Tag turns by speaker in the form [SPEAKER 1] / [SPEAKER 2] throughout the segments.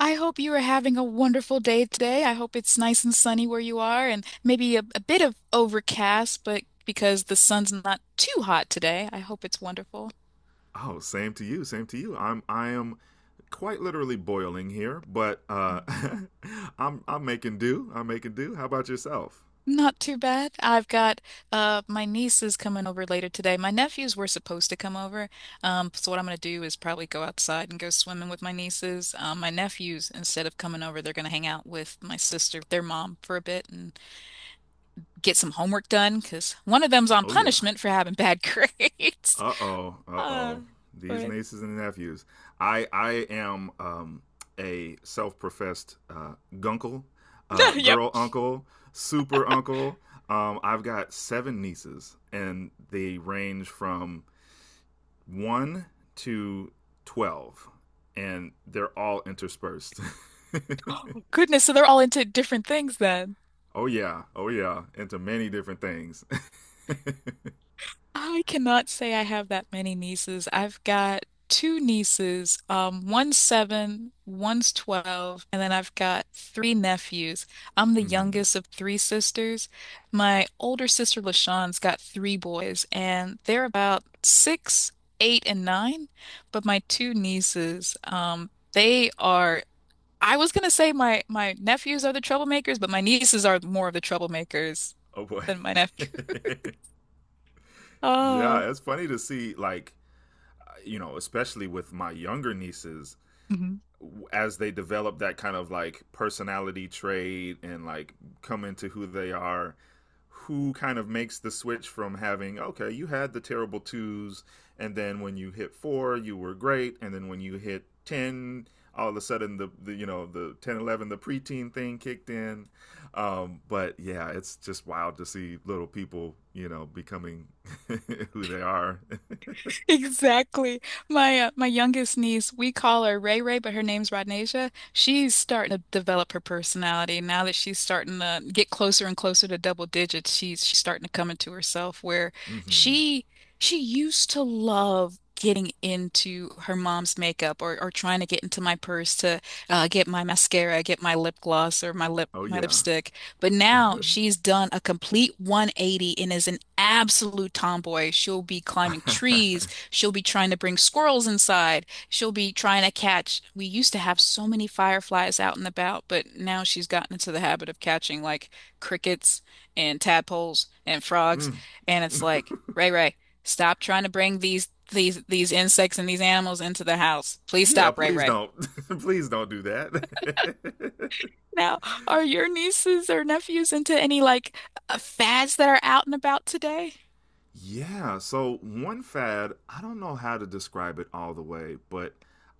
[SPEAKER 1] I hope you are having a wonderful day today. I hope it's nice and sunny where you are, and maybe a bit of overcast, but because the sun's not too hot today, I hope it's wonderful.
[SPEAKER 2] Oh, same to you. Same to you. I am quite literally boiling here, but I'm making do. I'm making do. How about yourself?
[SPEAKER 1] Not too bad. I've got my niece is coming over later today. My nephews were supposed to come over. So what I'm gonna do is probably go outside and go swimming with my nieces. My nephews, instead of coming over, they're gonna hang out with my sister, their mom, for a bit and get some homework done because one of them's on
[SPEAKER 2] Oh yeah.
[SPEAKER 1] punishment for having bad grades.
[SPEAKER 2] Uh-oh.
[SPEAKER 1] Uh,
[SPEAKER 2] Uh-oh. These
[SPEAKER 1] but
[SPEAKER 2] nieces and nephews. I am a self-professed gunkle,
[SPEAKER 1] no, yep.
[SPEAKER 2] girl uncle, super uncle. I've got seven nieces and they range from 1 to 12, and they're all interspersed.
[SPEAKER 1] Goodness, so they're all into different things then.
[SPEAKER 2] Oh, yeah. Oh, yeah. Into many different things.
[SPEAKER 1] I cannot say I have that many nieces. I've got two nieces, one's seven, one's 12, and then I've got three nephews. I'm the
[SPEAKER 2] hmm
[SPEAKER 1] youngest of three sisters. My older sister, LaShawn's got three boys, and they're about six, eight, and nine. But my two nieces, they are. I was gonna say my nephews are the troublemakers, but my nieces are more of the troublemakers
[SPEAKER 2] Oh, boy.
[SPEAKER 1] than my nephew. Ah.
[SPEAKER 2] Yeah, it's funny to see, like, you know, especially with my younger nieces,
[SPEAKER 1] Mhm.
[SPEAKER 2] as they develop that kind of like personality trait and like come into who they are, who kind of makes the switch from having, okay, you had the terrible twos, and then when you hit four you were great, and then when you hit 10 all of a sudden the you know the 10, 11, the preteen thing kicked in. But yeah, it's just wild to see little people, you know, becoming who they are.
[SPEAKER 1] Exactly. My my youngest niece, we call her Ray Ray, but her name's Rodnasia. She's starting to develop her personality now that she's starting to get closer and closer to double digits. She's starting to come into herself where
[SPEAKER 2] Mm-hmm.
[SPEAKER 1] she she used to love getting into her mom's makeup or trying to get into my purse to get my mascara, get my lip gloss or my lip
[SPEAKER 2] Oh
[SPEAKER 1] my
[SPEAKER 2] yeah.
[SPEAKER 1] lipstick. But now she's done a complete 180 and is an absolute tomboy. She'll be climbing trees.
[SPEAKER 2] Mm-hmm.
[SPEAKER 1] She'll be trying to bring squirrels inside. She'll be trying to catch. We used to have so many fireflies out and about, but now she's gotten into the habit of catching like crickets and tadpoles and frogs. And it's like, Ray Ray, stop trying to bring these insects and these animals into the house. Please
[SPEAKER 2] Yeah,
[SPEAKER 1] stop, Ray
[SPEAKER 2] please
[SPEAKER 1] Ray.
[SPEAKER 2] don't. Please don't do that.
[SPEAKER 1] Now, are your nieces or nephews into any like fads that are out and about today?
[SPEAKER 2] Yeah, so one fad, I don't know how to describe it all the way, but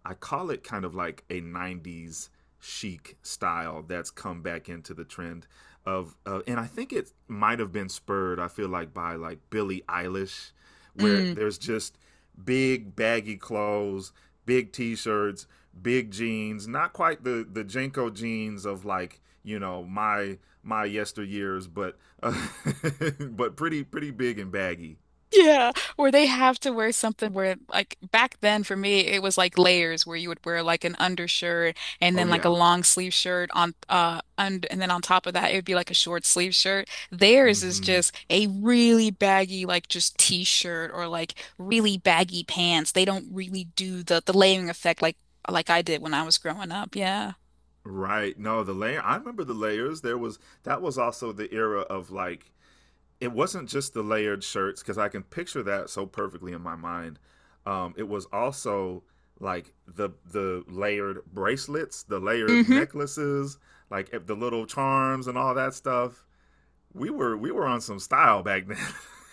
[SPEAKER 2] I call it kind of like a 90s chic style that's come back into the trend of, and I think it might have been spurred, I feel like, by like Billie Eilish, where
[SPEAKER 1] Mm.
[SPEAKER 2] there's just big baggy clothes, big t-shirts, big jeans, not quite the Jenko jeans of, like, you know, my yesteryears, but uh, but pretty pretty big and baggy.
[SPEAKER 1] Yeah, where they have to wear something where like back then for me it was like layers where you would wear like an undershirt and
[SPEAKER 2] Oh
[SPEAKER 1] then like a
[SPEAKER 2] yeah.
[SPEAKER 1] long sleeve shirt on, und and then on top of that it would be like a short sleeve shirt. Theirs is
[SPEAKER 2] Mm-hmm.
[SPEAKER 1] just a really baggy like just t-shirt or like really baggy pants. They don't really do the layering effect like I did when I was growing up. Yeah.
[SPEAKER 2] Right. No, the layer. I remember the layers. There was, that was also the era of like, it wasn't just the layered shirts, because I can picture that so perfectly in my mind. It was also like the layered bracelets, the layered
[SPEAKER 1] Hmm.
[SPEAKER 2] necklaces, like the little charms and all that stuff. We were on some style back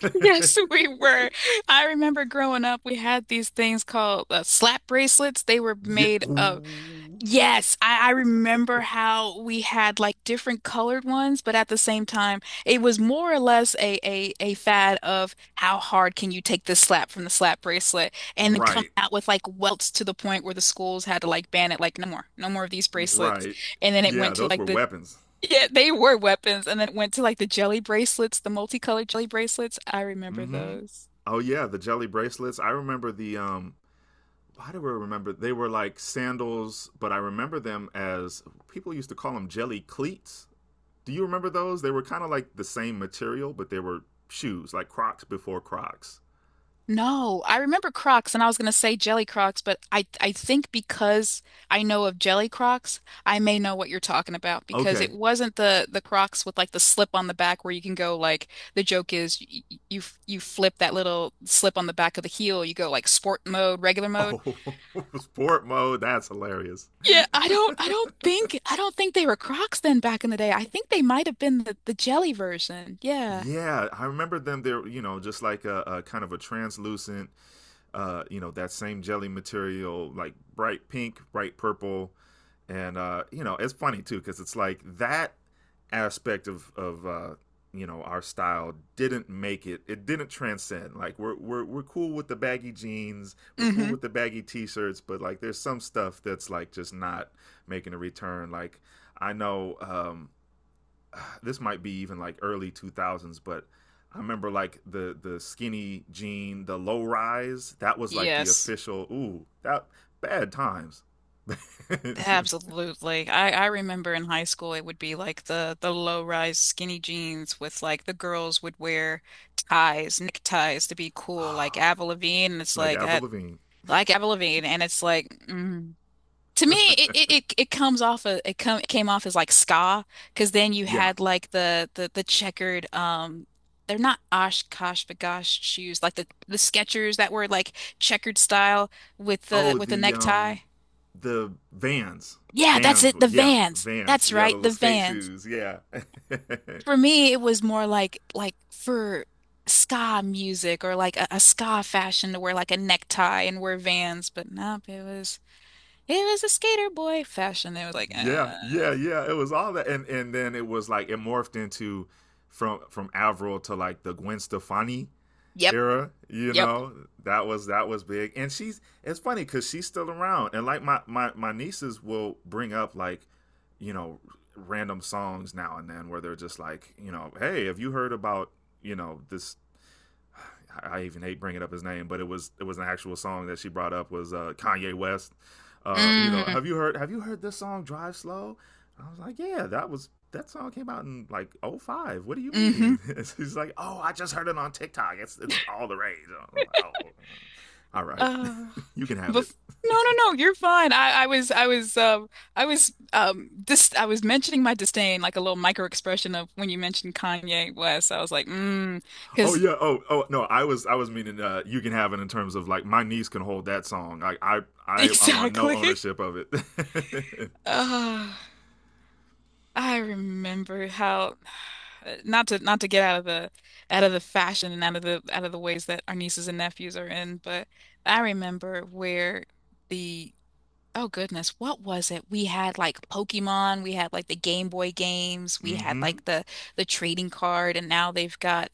[SPEAKER 1] Yes, we were. I remember growing up, we had these things called slap bracelets. They were
[SPEAKER 2] Yeah.
[SPEAKER 1] made of.
[SPEAKER 2] Ooh.
[SPEAKER 1] Yes, I remember how we had like different colored ones, but at the same time, it was more or less a fad of how hard can you take this slap from the slap bracelet and then come
[SPEAKER 2] Right,
[SPEAKER 1] out with like welts to the point where the schools had to like ban it, like no more, no more of these bracelets.
[SPEAKER 2] right.
[SPEAKER 1] And then it went
[SPEAKER 2] Yeah,
[SPEAKER 1] to
[SPEAKER 2] those
[SPEAKER 1] like
[SPEAKER 2] were
[SPEAKER 1] the.
[SPEAKER 2] weapons.
[SPEAKER 1] Yeah, they were weapons, and then it went to like the jelly bracelets, the multicolored jelly bracelets. I remember
[SPEAKER 2] Mm-hmm.
[SPEAKER 1] those.
[SPEAKER 2] Oh yeah, the jelly bracelets. I remember the why do I remember they were like sandals, but I remember them as people used to call them jelly cleats. Do you remember those? They were kind of like the same material, but they were shoes, like Crocs before Crocs.
[SPEAKER 1] No, I remember Crocs and I was going to say Jelly Crocs, but I think because I know of Jelly Crocs, I may know what you're talking about because it
[SPEAKER 2] Okay.
[SPEAKER 1] wasn't the Crocs with like the slip on the back where you can go like the joke is you you flip that little slip on the back of the heel, you go like sport mode, regular mode.
[SPEAKER 2] Oh, sport mode. That's hilarious.
[SPEAKER 1] Yeah, I don't think they were Crocs then back in the day. I think they might have been the jelly version. Yeah.
[SPEAKER 2] Yeah, I remember them. They're, you know, just like a kind of a translucent, you know, that same jelly material, like bright pink, bright purple, and you know, it's funny too, because it's like that aspect of you know, our style didn't make it. It didn't transcend. Like, we're cool with the baggy jeans, we're cool
[SPEAKER 1] Mm-hmm.
[SPEAKER 2] with the baggy t-shirts, but like, there's some stuff that's like just not making a return. Like, I know. This might be even like early 2000s, but I remember like the skinny jean, the low rise. That was like the
[SPEAKER 1] Yes.
[SPEAKER 2] official. Ooh, that bad times.
[SPEAKER 1] Absolutely. I remember in high school it would be like the low-rise skinny jeans with like the girls would wear ties, neckties to be cool, like Avril Lavigne, and it's
[SPEAKER 2] Like
[SPEAKER 1] like I
[SPEAKER 2] Avril Lavigne.
[SPEAKER 1] like Avril Lavigne, and it's like mm. To me, it comes off of, it came off as like ska, because then you
[SPEAKER 2] Yeah.
[SPEAKER 1] had like the checkered they're not Oshkosh bagosh shoes like the Skechers that were like checkered style with the
[SPEAKER 2] Oh,
[SPEAKER 1] with the necktie.
[SPEAKER 2] the Vans.
[SPEAKER 1] Yeah, that's
[SPEAKER 2] Vans.
[SPEAKER 1] it. The
[SPEAKER 2] Yeah,
[SPEAKER 1] Vans.
[SPEAKER 2] Vans.
[SPEAKER 1] That's
[SPEAKER 2] Yeah, the
[SPEAKER 1] right,
[SPEAKER 2] little
[SPEAKER 1] the
[SPEAKER 2] skate
[SPEAKER 1] Vans.
[SPEAKER 2] shoes. Yeah. Yeah,
[SPEAKER 1] For me, it was more like for ska music or like a ska fashion to wear like a necktie and wear Vans. But nope, it was a skater boy fashion. It was like,
[SPEAKER 2] yeah, yeah. It was all that, and then it was like it morphed into from Avril to like the Gwen Stefani
[SPEAKER 1] yep,
[SPEAKER 2] era, you
[SPEAKER 1] yep,
[SPEAKER 2] know. That was that was big, and she's, it's funny because she's still around, and like my nieces will bring up like, you know, random songs now and then, where they're just like, you know, hey, have you heard about, you know, this, I even hate bringing up his name, but it was an actual song that she brought up was, Kanye West. You know,
[SPEAKER 1] mm,
[SPEAKER 2] have you heard this song Drive Slow? I was like, yeah, that was, that song came out in like oh five. What do you
[SPEAKER 1] mm-hmm.
[SPEAKER 2] mean? He's like, oh, I just heard it on TikTok. It's all the rage. Like, oh, uh, all right,
[SPEAKER 1] Oh,
[SPEAKER 2] you can have it.
[SPEAKER 1] bef no, no, no, you're fine. I was mentioning my disdain, like a little micro expression of when you mentioned Kanye West. I was like, mm.
[SPEAKER 2] Oh
[SPEAKER 1] Because.
[SPEAKER 2] yeah. Oh, oh no, I was meaning, you can have it in terms of like, my niece can hold that song. Like, I want no
[SPEAKER 1] Exactly.
[SPEAKER 2] ownership of it.
[SPEAKER 1] Ah, I remember how, not to get out of the fashion and out of the ways that our nieces and nephews are in, but I remember where the oh goodness, what was it? We had like Pokemon, we had like the Game Boy games, we had
[SPEAKER 2] Mm-hmm.
[SPEAKER 1] like the trading card, and now they've got.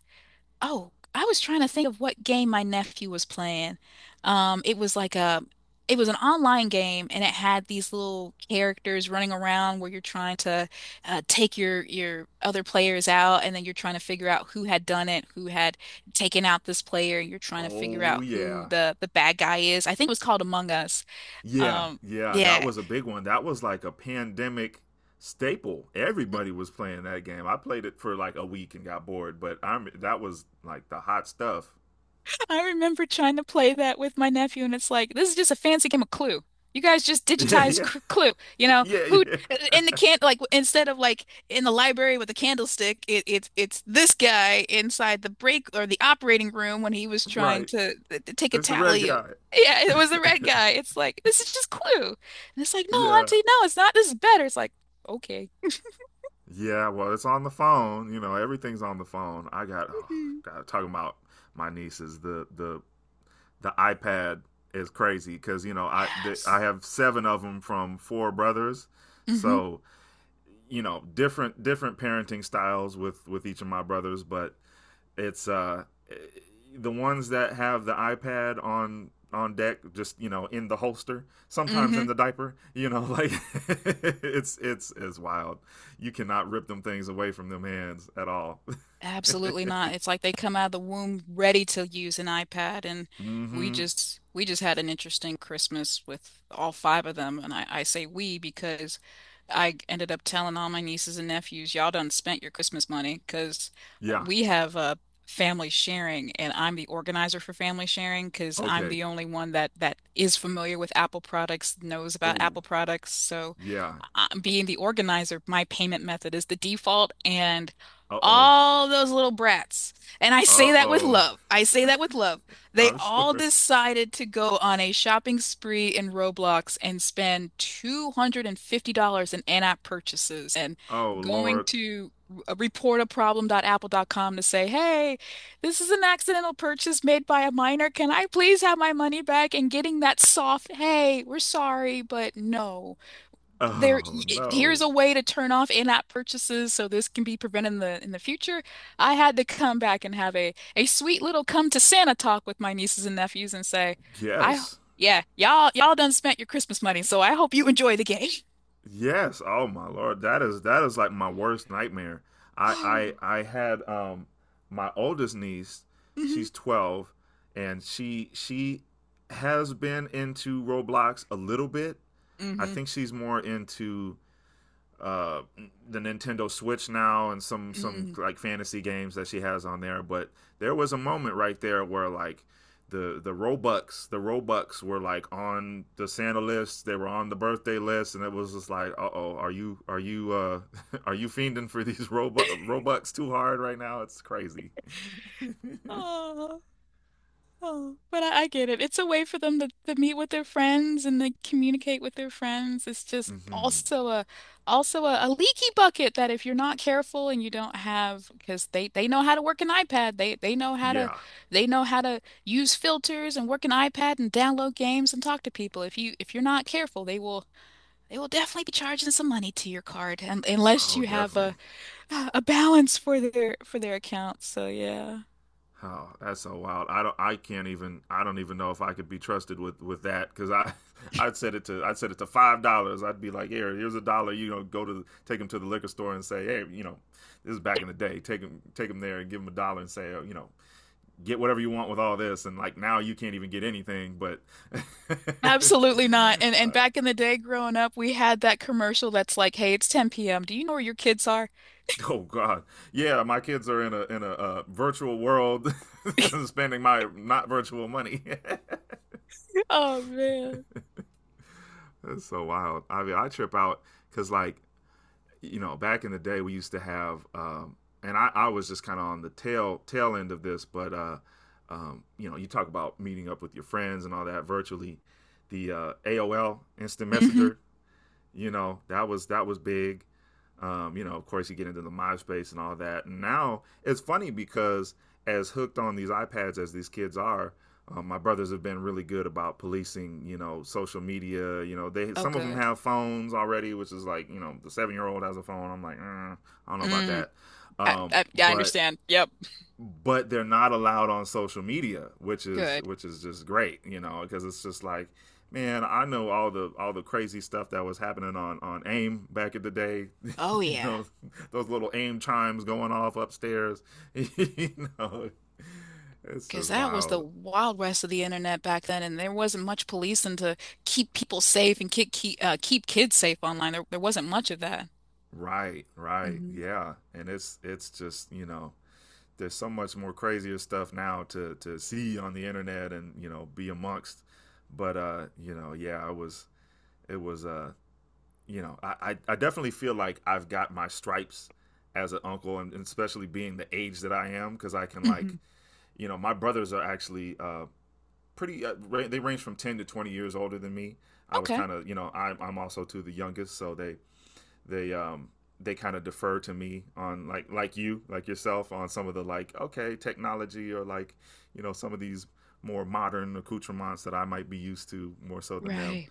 [SPEAKER 1] Oh, I was trying to think of what game my nephew was playing. It was like it was an online game, and it had these little characters running around where you're trying to take your other players out, and then you're trying to figure out who had done it, who had taken out this player, and you're trying to figure
[SPEAKER 2] Oh
[SPEAKER 1] out who
[SPEAKER 2] yeah.
[SPEAKER 1] the bad guy is. I think it was called Among Us.
[SPEAKER 2] Yeah,
[SPEAKER 1] Um,
[SPEAKER 2] yeah, that
[SPEAKER 1] yeah,
[SPEAKER 2] was a big one. That was like a pandemic staple. Everybody was playing that game. I played it for like a week and got bored, but I'm, that was like the hot stuff.
[SPEAKER 1] I remember trying to play that with my nephew, and it's like, this is just a fancy game of Clue. You guys just digitized
[SPEAKER 2] Yeah,
[SPEAKER 1] cr Clue, you know,
[SPEAKER 2] yeah, yeah,
[SPEAKER 1] who
[SPEAKER 2] yeah.
[SPEAKER 1] in the can like instead of like in the library with a candlestick, it's this guy inside the break or the operating room when he was trying
[SPEAKER 2] Right.
[SPEAKER 1] to, take a
[SPEAKER 2] It's the red
[SPEAKER 1] tally of.
[SPEAKER 2] guy.
[SPEAKER 1] Yeah, it was the red guy. It's like this is just Clue, and it's like no,
[SPEAKER 2] Yeah,
[SPEAKER 1] Auntie, no, it's not. This is better. It's like okay.
[SPEAKER 2] yeah. Well, it's on the phone. You know, everything's on the phone. I got, oh,
[SPEAKER 1] Mhm.
[SPEAKER 2] God, talking about my nieces. The the iPad is crazy, because you know, I, the, I
[SPEAKER 1] Yes,
[SPEAKER 2] have seven of them from four brothers,
[SPEAKER 1] mm-hmm,
[SPEAKER 2] so, you know, different parenting styles with each of my brothers, but it's the ones that have the iPad on deck, just, you know, in the holster, sometimes
[SPEAKER 1] mm-hmm.
[SPEAKER 2] in the diaper, you know, like it's wild. You cannot rip them things away from them hands at all.
[SPEAKER 1] Absolutely not. It's like they come out of the womb ready to use an iPad, and we
[SPEAKER 2] Mm-hmm.
[SPEAKER 1] just we just had an interesting Christmas with all five of them. And I say we because I ended up telling all my nieces and nephews, y'all done spent your Christmas money because
[SPEAKER 2] Yeah.
[SPEAKER 1] we have a family sharing, and I'm the organizer for family sharing because I'm
[SPEAKER 2] Okay.
[SPEAKER 1] the only one that is familiar with Apple products, knows about
[SPEAKER 2] Oh
[SPEAKER 1] Apple products. So,
[SPEAKER 2] yeah.
[SPEAKER 1] being the organizer, my payment method is the default, and
[SPEAKER 2] Uh-oh.
[SPEAKER 1] all those little brats, and I say that with
[SPEAKER 2] Uh-oh.
[SPEAKER 1] love. I say that with love. They
[SPEAKER 2] I'm
[SPEAKER 1] all
[SPEAKER 2] sure.
[SPEAKER 1] decided to go on a shopping spree in Roblox and spend $250 in in-app purchases and
[SPEAKER 2] Oh
[SPEAKER 1] going
[SPEAKER 2] lord.
[SPEAKER 1] to reportaproblem.apple.com to say, "Hey, this is an accidental purchase made by a minor. Can I please have my money back?" And getting that soft, "Hey, we're sorry, but no." there
[SPEAKER 2] Oh
[SPEAKER 1] Here's
[SPEAKER 2] no.
[SPEAKER 1] a way to turn off in-app purchases so this can be prevented in the future. I had to come back and have a sweet little come to Santa talk with my nieces and nephews and say, I
[SPEAKER 2] Yes.
[SPEAKER 1] yeah, y'all done spent your Christmas money, so I hope you enjoy the game.
[SPEAKER 2] Yes. Oh my lord, that is, that is like my worst nightmare. I I I had my oldest niece.
[SPEAKER 1] Mm-hmm.
[SPEAKER 2] She's 12, and she has been into Roblox a little bit. I
[SPEAKER 1] Mm-hmm.
[SPEAKER 2] think she's more into uh the Nintendo Switch now, and some
[SPEAKER 1] Mm.
[SPEAKER 2] like fantasy games that she has on there, but there was a moment right there where like the Robux, the Robux were like on the Santa list, they were on the birthday list, and it was just like, uh-oh, are you are you fiending for these Robux too hard right now? It's crazy.
[SPEAKER 1] Oh. Oh, but I get it. It's a way for them to, meet with their friends and they communicate with their friends. It's just
[SPEAKER 2] Mhm.
[SPEAKER 1] also a leaky bucket that if you're not careful and you don't have because they know how to work an iPad. They know how to
[SPEAKER 2] Yeah.
[SPEAKER 1] use filters and work an iPad and download games and talk to people. If you're not careful, they will definitely be charging some money to your card and, unless
[SPEAKER 2] Oh
[SPEAKER 1] you have
[SPEAKER 2] definitely.
[SPEAKER 1] a balance for their account. So yeah.
[SPEAKER 2] Oh, that's so wild. I don't. I can't even. I don't even know if I could be trusted with that, because I, I'd set it to $5. I'd be like, here, here's a dollar. You know, go to, take him to the liquor store and say, hey, you know, this is back in the day. Take him there and give him a dollar and say, oh, you know, get whatever you want with all this. And like now, you can't even get anything. But,
[SPEAKER 1] Absolutely not. And back
[SPEAKER 2] uh,
[SPEAKER 1] in the day growing up, we had that commercial that's like, "Hey, it's 10 p.m. Do you know where your kids are?"
[SPEAKER 2] oh God, yeah, my kids are in a in a, virtual world, spending my not virtual money.
[SPEAKER 1] Oh man.
[SPEAKER 2] That's so wild. I mean, I trip out because, like, you know, back in the day, we used to have, and I was just kind of on the tail end of this, but you know, you talk about meeting up with your friends and all that virtually. The AOL instant
[SPEAKER 1] Hmm.
[SPEAKER 2] messenger, you know, that was, that was big. You know, of course you get into the MySpace and all that, and now it's funny because, as hooked on these iPads as these kids are, my brothers have been really good about policing, you know, social media. You know, they,
[SPEAKER 1] Oh,
[SPEAKER 2] some of them
[SPEAKER 1] good.
[SPEAKER 2] have phones already, which is like, you know, the 7-year old has a phone. I'm like, mm, I don't know about
[SPEAKER 1] Mm.
[SPEAKER 2] that. um,
[SPEAKER 1] Yeah, I
[SPEAKER 2] but
[SPEAKER 1] understand. Yep.
[SPEAKER 2] but they're not allowed on social media, which is,
[SPEAKER 1] Good.
[SPEAKER 2] which is just great, you know, because it's just like, man, I know all the, all the crazy stuff that was happening on AIM back in the day.
[SPEAKER 1] Oh
[SPEAKER 2] You
[SPEAKER 1] yeah.
[SPEAKER 2] know, those little AIM chimes going off upstairs. You know, it's
[SPEAKER 1] Because
[SPEAKER 2] just
[SPEAKER 1] that was the
[SPEAKER 2] wild.
[SPEAKER 1] wild west of the internet back then, and there wasn't much policing to keep people safe and keep kids safe online. There wasn't much of that.
[SPEAKER 2] Right, right.
[SPEAKER 1] Hmm.
[SPEAKER 2] Yeah, and it's just, you know, there's so much more crazier stuff now to see on the internet, and you know, be amongst, but you know, yeah, I was, it was you know, definitely feel like I've got my stripes as an uncle. And, especially being the age that I am, because I can
[SPEAKER 1] Hmm.
[SPEAKER 2] like, you know, my brothers are actually, pretty. They range from 10 to 20 years older than me. I was
[SPEAKER 1] Okay.
[SPEAKER 2] kind of, you know, I'm also too the youngest, so they um they kind of defer to me on like you, like yourself, on some of the like, okay, technology, or like, you know, some of these more modern accoutrements that I might be used to more so than them.
[SPEAKER 1] Right.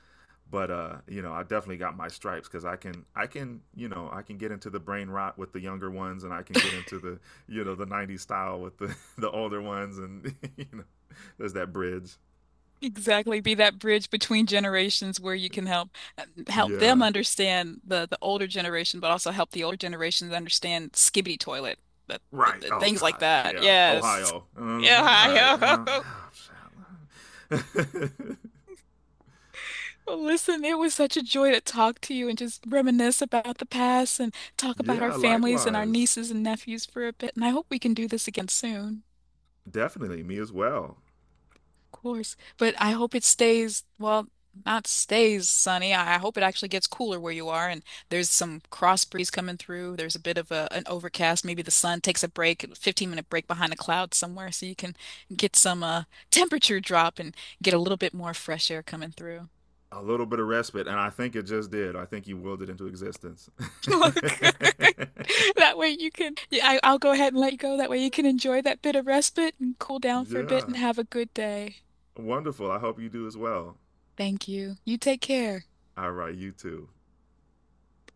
[SPEAKER 2] But you know, I definitely got my stripes because I can, you know, I can get into the brain rot with the younger ones, and I can get into the, you know, the 90s style with the the older ones. And you know, there's that bridge.
[SPEAKER 1] Exactly, be that bridge between generations where you can help help them
[SPEAKER 2] Yeah,
[SPEAKER 1] understand the older generation, but also help the older generations understand skibbity toilet, the, the,
[SPEAKER 2] right.
[SPEAKER 1] the
[SPEAKER 2] Oh
[SPEAKER 1] things like
[SPEAKER 2] God,
[SPEAKER 1] that.
[SPEAKER 2] yeah,
[SPEAKER 1] Yes.
[SPEAKER 2] Ohio. And I'm just like, all right,
[SPEAKER 1] Yeah.
[SPEAKER 2] well, shit.
[SPEAKER 1] Well, listen, it was such a joy to talk to you and just reminisce about the past and talk about our
[SPEAKER 2] Yeah,
[SPEAKER 1] families and our
[SPEAKER 2] likewise.
[SPEAKER 1] nieces and nephews for a bit. And I hope we can do this again soon.
[SPEAKER 2] Definitely me as well.
[SPEAKER 1] Of course. But I hope it stays, well, not stays sunny. I hope it actually gets cooler where you are and there's some cross breeze coming through. There's a bit of an overcast. Maybe the sun takes a break, a 15-minute break behind a cloud somewhere so you can get some temperature drop and get a little bit more fresh air coming through.
[SPEAKER 2] A little bit of respite, and I think it just did. I think you willed it into existence.
[SPEAKER 1] Look, that way you can, yeah, I'll go ahead and let you go. That way you can enjoy that bit of respite and cool down for a bit and
[SPEAKER 2] Yeah.
[SPEAKER 1] have a good day.
[SPEAKER 2] Wonderful. I hope you do as well.
[SPEAKER 1] Thank you. You take care.
[SPEAKER 2] All right, you too.